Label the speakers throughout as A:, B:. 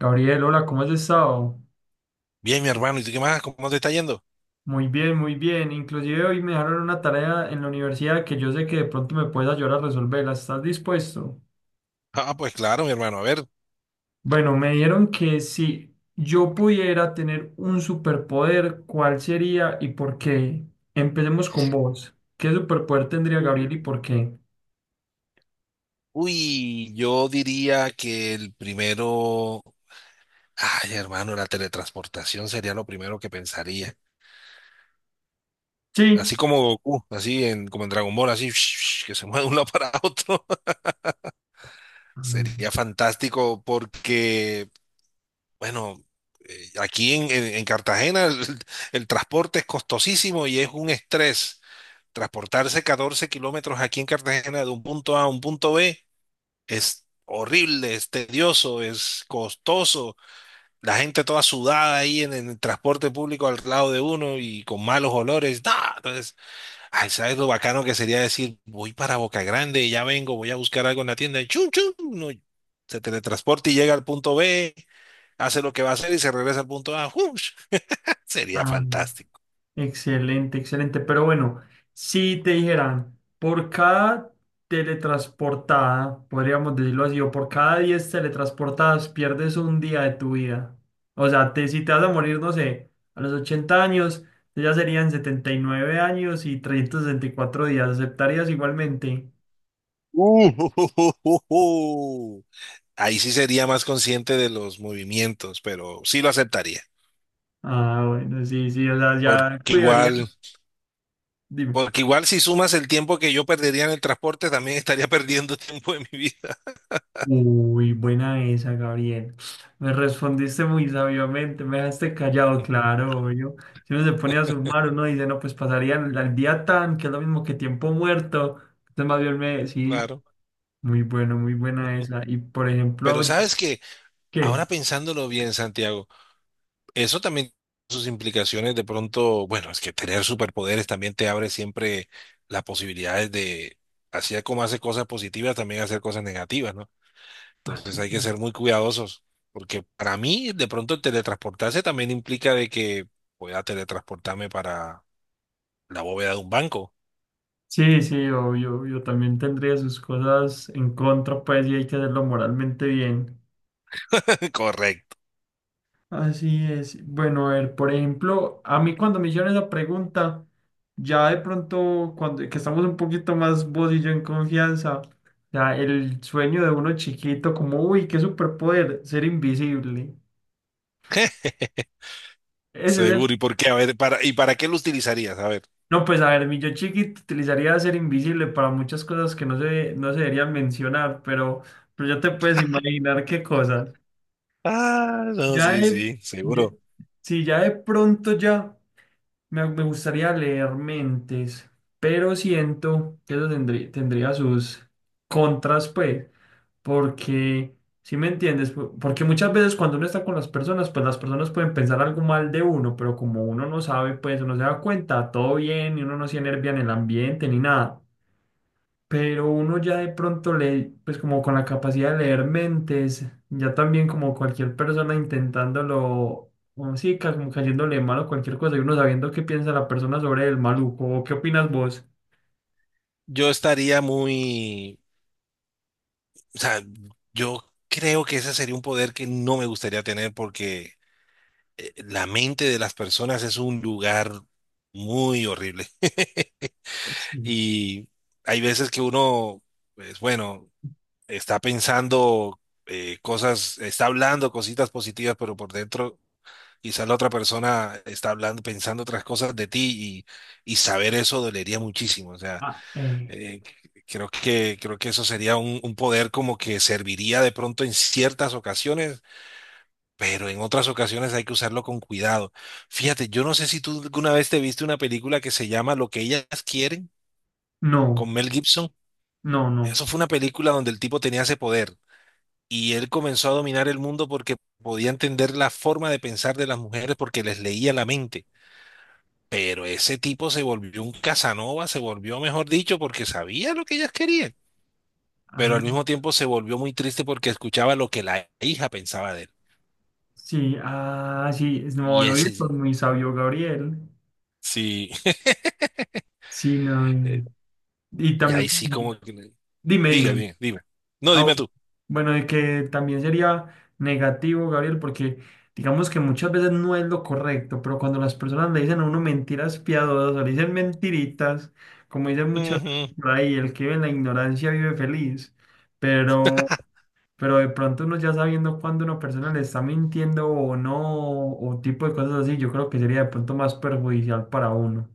A: Gabriel, hola, ¿cómo has estado?
B: Bien, mi hermano, ¿y tú qué más? ¿Cómo te está yendo?
A: Muy bien, muy bien. Inclusive hoy me dejaron una tarea en la universidad que yo sé que de pronto me puedes ayudar a resolverla. ¿Estás dispuesto?
B: Ah, pues claro, mi hermano, a ver.
A: Bueno, me dieron que si yo pudiera tener un superpoder, ¿cuál sería y por qué? Empecemos con vos. ¿Qué superpoder tendría Gabriel y por qué?
B: Uy, yo diría que el primero, ay, hermano, la teletransportación sería lo primero que pensaría.
A: Sí.
B: Así como Goku, como en Dragon Ball, así que se mueve de un lado para otro. Sería
A: Ah,
B: fantástico porque, bueno, aquí en Cartagena el transporte es costosísimo y es un estrés. Transportarse 14 kilómetros aquí en Cartagena de un punto A a un punto B, es horrible, es tedioso, es costoso, la gente toda sudada ahí en el transporte público al lado de uno y con malos olores. ¡Nah! Entonces, ay, ¿sabes lo bacano que sería decir, voy para Boca Grande, ya vengo, voy a buscar algo en la tienda y chum, chum, no, se teletransporta y llega al punto B, hace lo que va a hacer y se regresa al punto A? ¡Ush! Sería
A: ah.
B: fantástico.
A: Excelente, excelente. Pero bueno, si te dijeran, por cada teletransportada, podríamos decirlo así, o por cada 10 teletransportadas pierdes un día de tu vida. O sea, si te vas a morir, no sé, a los 80 años, ya serían 79 años y 364 días. ¿Aceptarías igualmente?
B: Uh, Ahí sí sería más consciente de los movimientos, pero sí lo aceptaría,
A: Ah, bueno, sí, sí, o sea, ya
B: porque
A: cuidarías.
B: igual...
A: Dime.
B: Porque igual si sumas el tiempo que yo perdería en el transporte, también estaría perdiendo tiempo de mi vida.
A: Uy, buena esa, Gabriel. Me respondiste muy sabiamente, me dejaste callado, claro, obvio. Si uno se pone a sumar, uno dice, no, pues pasaría el día tan, que es lo mismo que tiempo muerto. Entonces, más bien sí,
B: Claro.
A: muy bueno, muy buena esa. Y por
B: Pero
A: ejemplo,
B: sabes que ahora
A: ¿qué?
B: pensándolo bien, Santiago, eso también tiene sus implicaciones de pronto, bueno, es que tener superpoderes también te abre siempre las posibilidades de, así como hacer cosas positivas, también hacer cosas negativas, ¿no?
A: Ah, sí,
B: Entonces hay que ser muy cuidadosos, porque para mí de pronto el teletransportarse también implica de que pueda teletransportarme para la bóveda de un banco.
A: sí, sí, obvio, obvio, también tendría sus cosas en contra, pues, y hay que hacerlo moralmente bien.
B: Correcto.
A: Así es. Bueno, a ver, por ejemplo, a mí cuando me hicieron esa pregunta, ya de pronto, cuando que estamos un poquito más vos y yo en confianza, ya el sueño de uno chiquito, como, uy, qué superpoder, ser invisible. Ese es el...
B: Seguro. ¿Y por qué? A ver, para, ¿y para qué lo utilizarías? A ver.
A: No, pues a ver, mi yo chiquito utilizaría ser invisible para muchas cosas que no se deberían mencionar, pero ya te puedes imaginar qué cosas.
B: Ah, no,
A: Ya
B: sí,
A: de,
B: sí,
A: ya-
B: seguro.
A: sí, ya de pronto ya. Me gustaría leer mentes, pero siento que eso tendría sus contras, pues, porque, si me entiendes, porque muchas veces cuando uno está con las personas, pues las personas pueden pensar algo mal de uno, pero como uno no sabe, pues uno se da cuenta, todo bien, y uno no se enervia en el ambiente ni nada, pero uno ya de pronto le, pues como con la capacidad de leer mentes, ya también como cualquier persona intentándolo, o sí, como cayéndole mal o cualquier cosa, y uno sabiendo qué piensa la persona sobre el maluco, o qué opinas vos.
B: Yo estaría muy, o sea, yo creo que ese sería un poder que no me gustaría tener porque la mente de las personas es un lugar muy horrible.
A: Pues sí.
B: Y hay veces que uno, pues bueno, está pensando cosas, está hablando cositas positivas, pero por dentro quizás la otra persona está hablando, pensando otras cosas de ti y saber eso dolería muchísimo. O sea,
A: Ah, eh,
B: eh, creo que eso sería un poder como que serviría de pronto en ciertas ocasiones, pero en otras ocasiones hay que usarlo con cuidado. Fíjate, yo no sé si tú alguna vez te viste una película que se llama Lo que ellas quieren,
A: no,
B: con Mel Gibson.
A: no, no.
B: Eso fue una película donde el tipo tenía ese poder y él comenzó a dominar el mundo porque podía entender la forma de pensar de las mujeres porque les leía la mente. Pero ese tipo se volvió un Casanova, se volvió, mejor dicho, porque sabía lo que ellas querían. Pero
A: Ah,
B: al mismo tiempo se volvió muy triste porque escuchaba lo que la hija pensaba de él.
A: sí, ah, sí, no,
B: Y
A: hoy
B: ese
A: es por
B: sí,
A: muy sabio Gabriel. Sí, no,
B: eh,
A: y
B: y ahí
A: también,
B: sí
A: pues,
B: como que...
A: dime,
B: Diga
A: dime.
B: bien, dime. No,
A: Ah,
B: dime
A: bu-
B: tú.
A: bueno, y que también sería negativo, Gabriel, porque digamos que muchas veces no es lo correcto, pero cuando las personas le dicen a uno mentiras piadosas o le dicen mentiritas, como dicen muchas veces
B: Ujú.
A: por ahí, el que vive en la ignorancia vive feliz, pero, pero de pronto uno ya sabiendo cuándo una persona le está mintiendo o no, o tipo de cosas así, yo creo que sería de pronto más perjudicial para uno.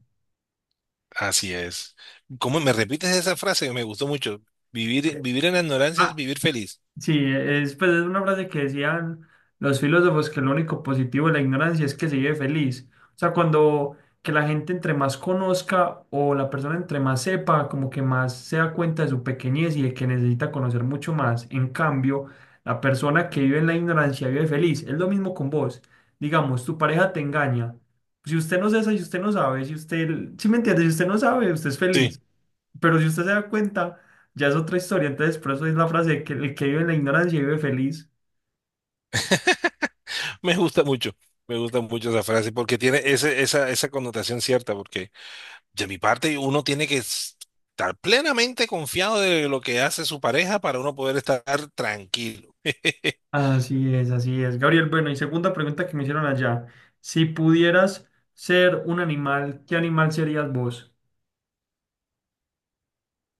B: Así es. ¿Cómo me repites esa frase que me gustó mucho? Vivir, vivir en la ignorancia es
A: Ah,
B: vivir feliz.
A: sí, es, pues, es una frase que decían los filósofos que lo único positivo de la ignorancia es que se vive feliz. O sea, cuando que la gente entre más conozca o la persona entre más sepa, como que más se da cuenta de su pequeñez y de que necesita conocer mucho más. En cambio, la persona que vive en la ignorancia vive feliz. Es lo mismo con vos. Digamos, tu pareja te engaña. Si usted no sabe, si usted no sabe, si usted, si me entiende, si usted no sabe, usted es
B: Sí,
A: feliz. Pero si usted se da cuenta, ya es otra historia. Entonces, por eso es la frase de que el que vive en la ignorancia vive feliz.
B: me gusta mucho. Me gusta mucho esa frase porque tiene esa connotación cierta, porque de mi parte, uno tiene que estar plenamente confiado de lo que hace su pareja para uno poder estar tranquilo.
A: Así es, así es. Gabriel, bueno, y segunda pregunta que me hicieron allá. Si pudieras ser un animal, ¿qué animal serías vos?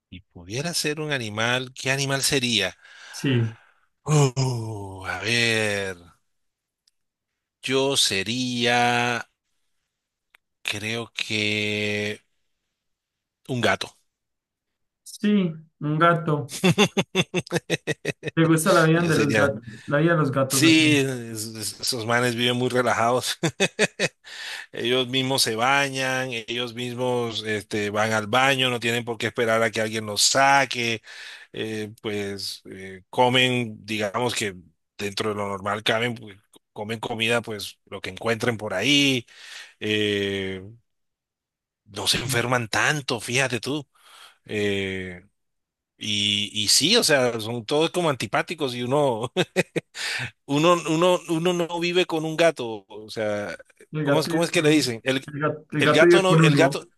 B: Y pudiera ser un animal, ¿qué animal sería?
A: Sí,
B: A ver, yo sería, creo que un gato.
A: sí, un gato. ¿Te gusta la vida
B: Yo
A: de los
B: sería,
A: gatos? La vida de los gatos, ok.
B: sí, es- esos manes viven muy relajados. Ellos mismos se bañan, ellos mismos van al baño, no tienen por qué esperar a que alguien los saque, pues comen, digamos que dentro de lo normal caben, pues, comen comida, pues lo que encuentren por ahí, eh, no se enferman tanto, fíjate tú. eh, y sí, o sea, son todos como antipáticos y uno, uno no vive con un gato, o sea,
A: El
B: ¿cómo es,
A: gato
B: cómo
A: vive
B: es que
A: con,
B: le
A: un-
B: dicen?
A: el
B: El
A: gato
B: gato
A: vive
B: no,
A: con
B: el gato,
A: uno.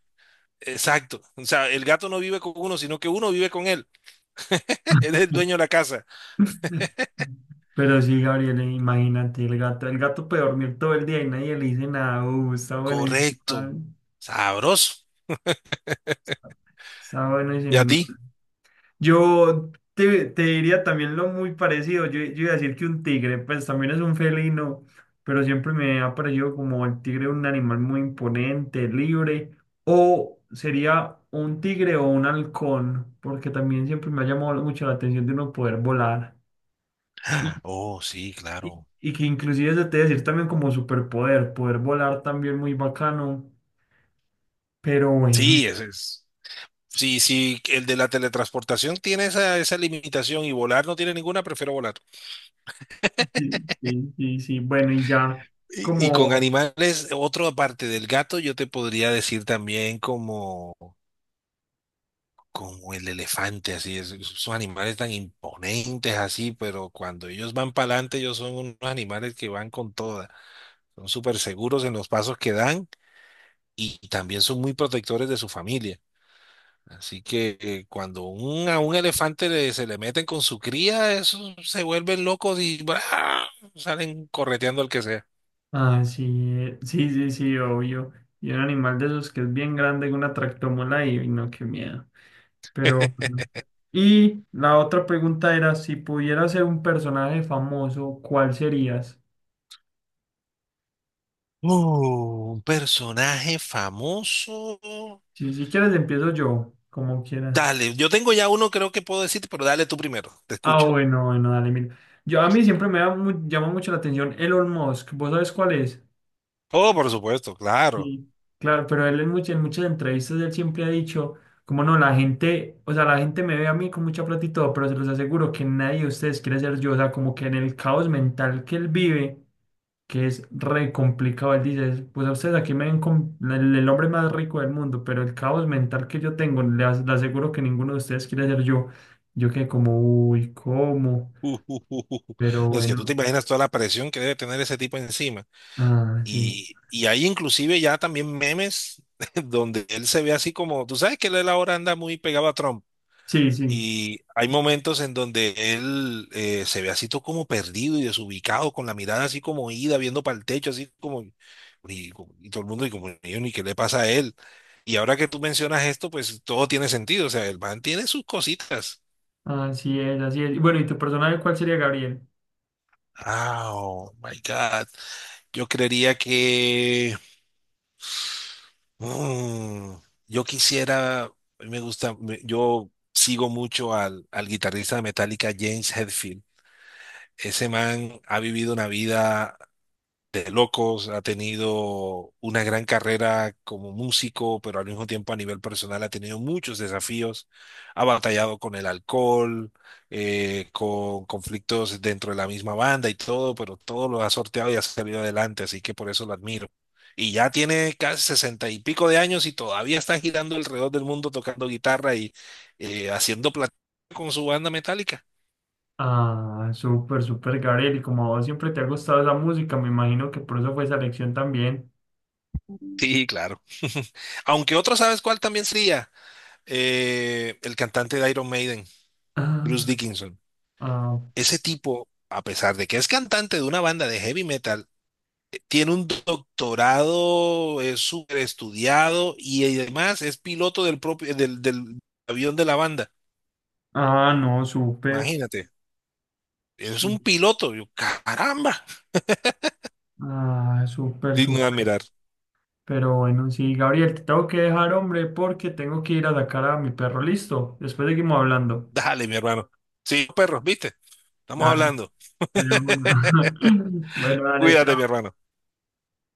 B: exacto. O sea, el gato no vive con uno, sino que uno vive con él. Él es el dueño de la casa.
A: Pero sí, Gabriel, imagínate, el gato puede dormir todo el día y nadie le dice nada. Está bueno ese
B: Correcto.
A: animal.
B: Sabroso.
A: Está, está bueno ese
B: ¿Y a
A: animal.
B: ti?
A: Te diría también lo muy parecido. Yo iba a decir que un tigre, pues también es un felino, pero siempre me ha parecido como el tigre un animal muy imponente, libre, o sería un tigre o un halcón, porque también siempre me ha llamado mucho la atención de uno poder volar.
B: Oh, sí, claro.
A: Y que inclusive se te debe decir también como superpoder, poder volar también muy bacano, pero bueno,
B: Sí, ese es. Sí, sí, el de la teletransportación tiene esa, esa limitación y volar no tiene ninguna, prefiero volar.
A: sí, sí, sí, sí, bueno, y ya
B: Y con
A: como,
B: animales, otra parte del gato, yo te podría decir también como como el elefante, así es, son animales tan imponentes así, pero cuando ellos van para adelante, ellos son unos animales que van con toda, son súper seguros en los pasos que dan y también son muy protectores de su familia. Así que cuando un, a un elefante le- se le meten con su cría, esos se vuelven locos y ¡bra! Salen correteando al que sea.
A: ah, sí, sí, sí, sí, obvio, y un animal de esos que es bien grande, una tractomola y no, qué miedo, pero, bueno. Y la otra pregunta era, si pudieras ser un personaje famoso, ¿cuál serías?
B: Un personaje famoso.
A: Si, si quieres empiezo yo, como quieras.
B: Dale, yo tengo ya uno, creo que puedo decirte, pero dale tú primero, te
A: Ah,
B: escucho.
A: bueno, bueno, dale, mira. A mí siempre me da llama mucho la atención Elon Musk. ¿Vos sabés cuál es?
B: Oh, por supuesto, claro.
A: Sí. Claro, pero él en en muchas entrevistas él siempre ha dicho, como no, o sea, la gente me ve a mí con mucha plata y todo, pero se los aseguro que nadie de ustedes quiere ser yo. O sea, como que en el caos mental que él vive, que es re complicado, él dice, pues a ustedes aquí me ven con el hombre más rico del mundo, pero el caos mental que yo tengo, le aseguro que ninguno de ustedes quiere ser yo. Yo quedé como, uy, ¿cómo?
B: Uh, uh, uh, uh, uh.
A: Pero
B: Es que tú te
A: bueno.
B: imaginas toda la presión que debe tener ese tipo encima.
A: Ah, sí.
B: Y hay inclusive ya también memes donde él se ve así como, tú sabes que él ahora anda muy pegado a Trump.
A: Sí, sí.
B: Y hay momentos en donde él se ve así todo como perdido y desubicado, con la mirada así como ida, viendo para el techo, así como, y, y todo el mundo, y como, ¿y qué le pasa a él? Y ahora que tú mencionas esto, pues todo tiene sentido. O sea, el man tiene sus cositas.
A: Así es, así es. Y bueno, ¿y tu personaje cuál sería Gabriel?
B: Ah, Oh my God. Yo creería que mm, yo quisiera, yo sigo mucho al guitarrista de Metallica, James Hetfield. Ese man ha vivido una vida de locos, ha tenido una gran carrera como músico, pero al mismo tiempo a nivel personal ha tenido muchos desafíos, ha batallado con el alcohol, con conflictos dentro de la misma banda y todo, pero todo lo ha sorteado y ha salido adelante, así que por eso lo admiro. Y ya tiene casi sesenta y pico de años y todavía está girando alrededor del mundo tocando guitarra y haciendo plata con su banda metálica.
A: Ah, súper, súper Gabriel. Y como a vos siempre te ha gustado esa música, me imagino que por eso fue esa elección también.
B: Sí, claro. Aunque otro, ¿sabes cuál también sería? El cantante de Iron Maiden,
A: Ah,
B: Bruce Dickinson.
A: ah,
B: Ese tipo, a pesar de que es cantante de una banda de heavy metal, tiene un doctorado, es súper estudiado y además es piloto del propio, del avión de la banda.
A: ah, no, súper.
B: Imagínate, es
A: Su-
B: un piloto. Yo, caramba,
A: Ah, súper,
B: digno de
A: súper.
B: admirar.
A: Pero bueno, sí, Gabriel, te tengo que dejar, hombre, porque tengo que ir a sacar a mi perro. Listo. Después seguimos hablando.
B: Dale, mi hermano. Sí, perros, ¿viste? Estamos
A: Dale.
B: hablando.
A: De una. Bueno, dale,
B: Cuídate, mi
A: chao.
B: hermano.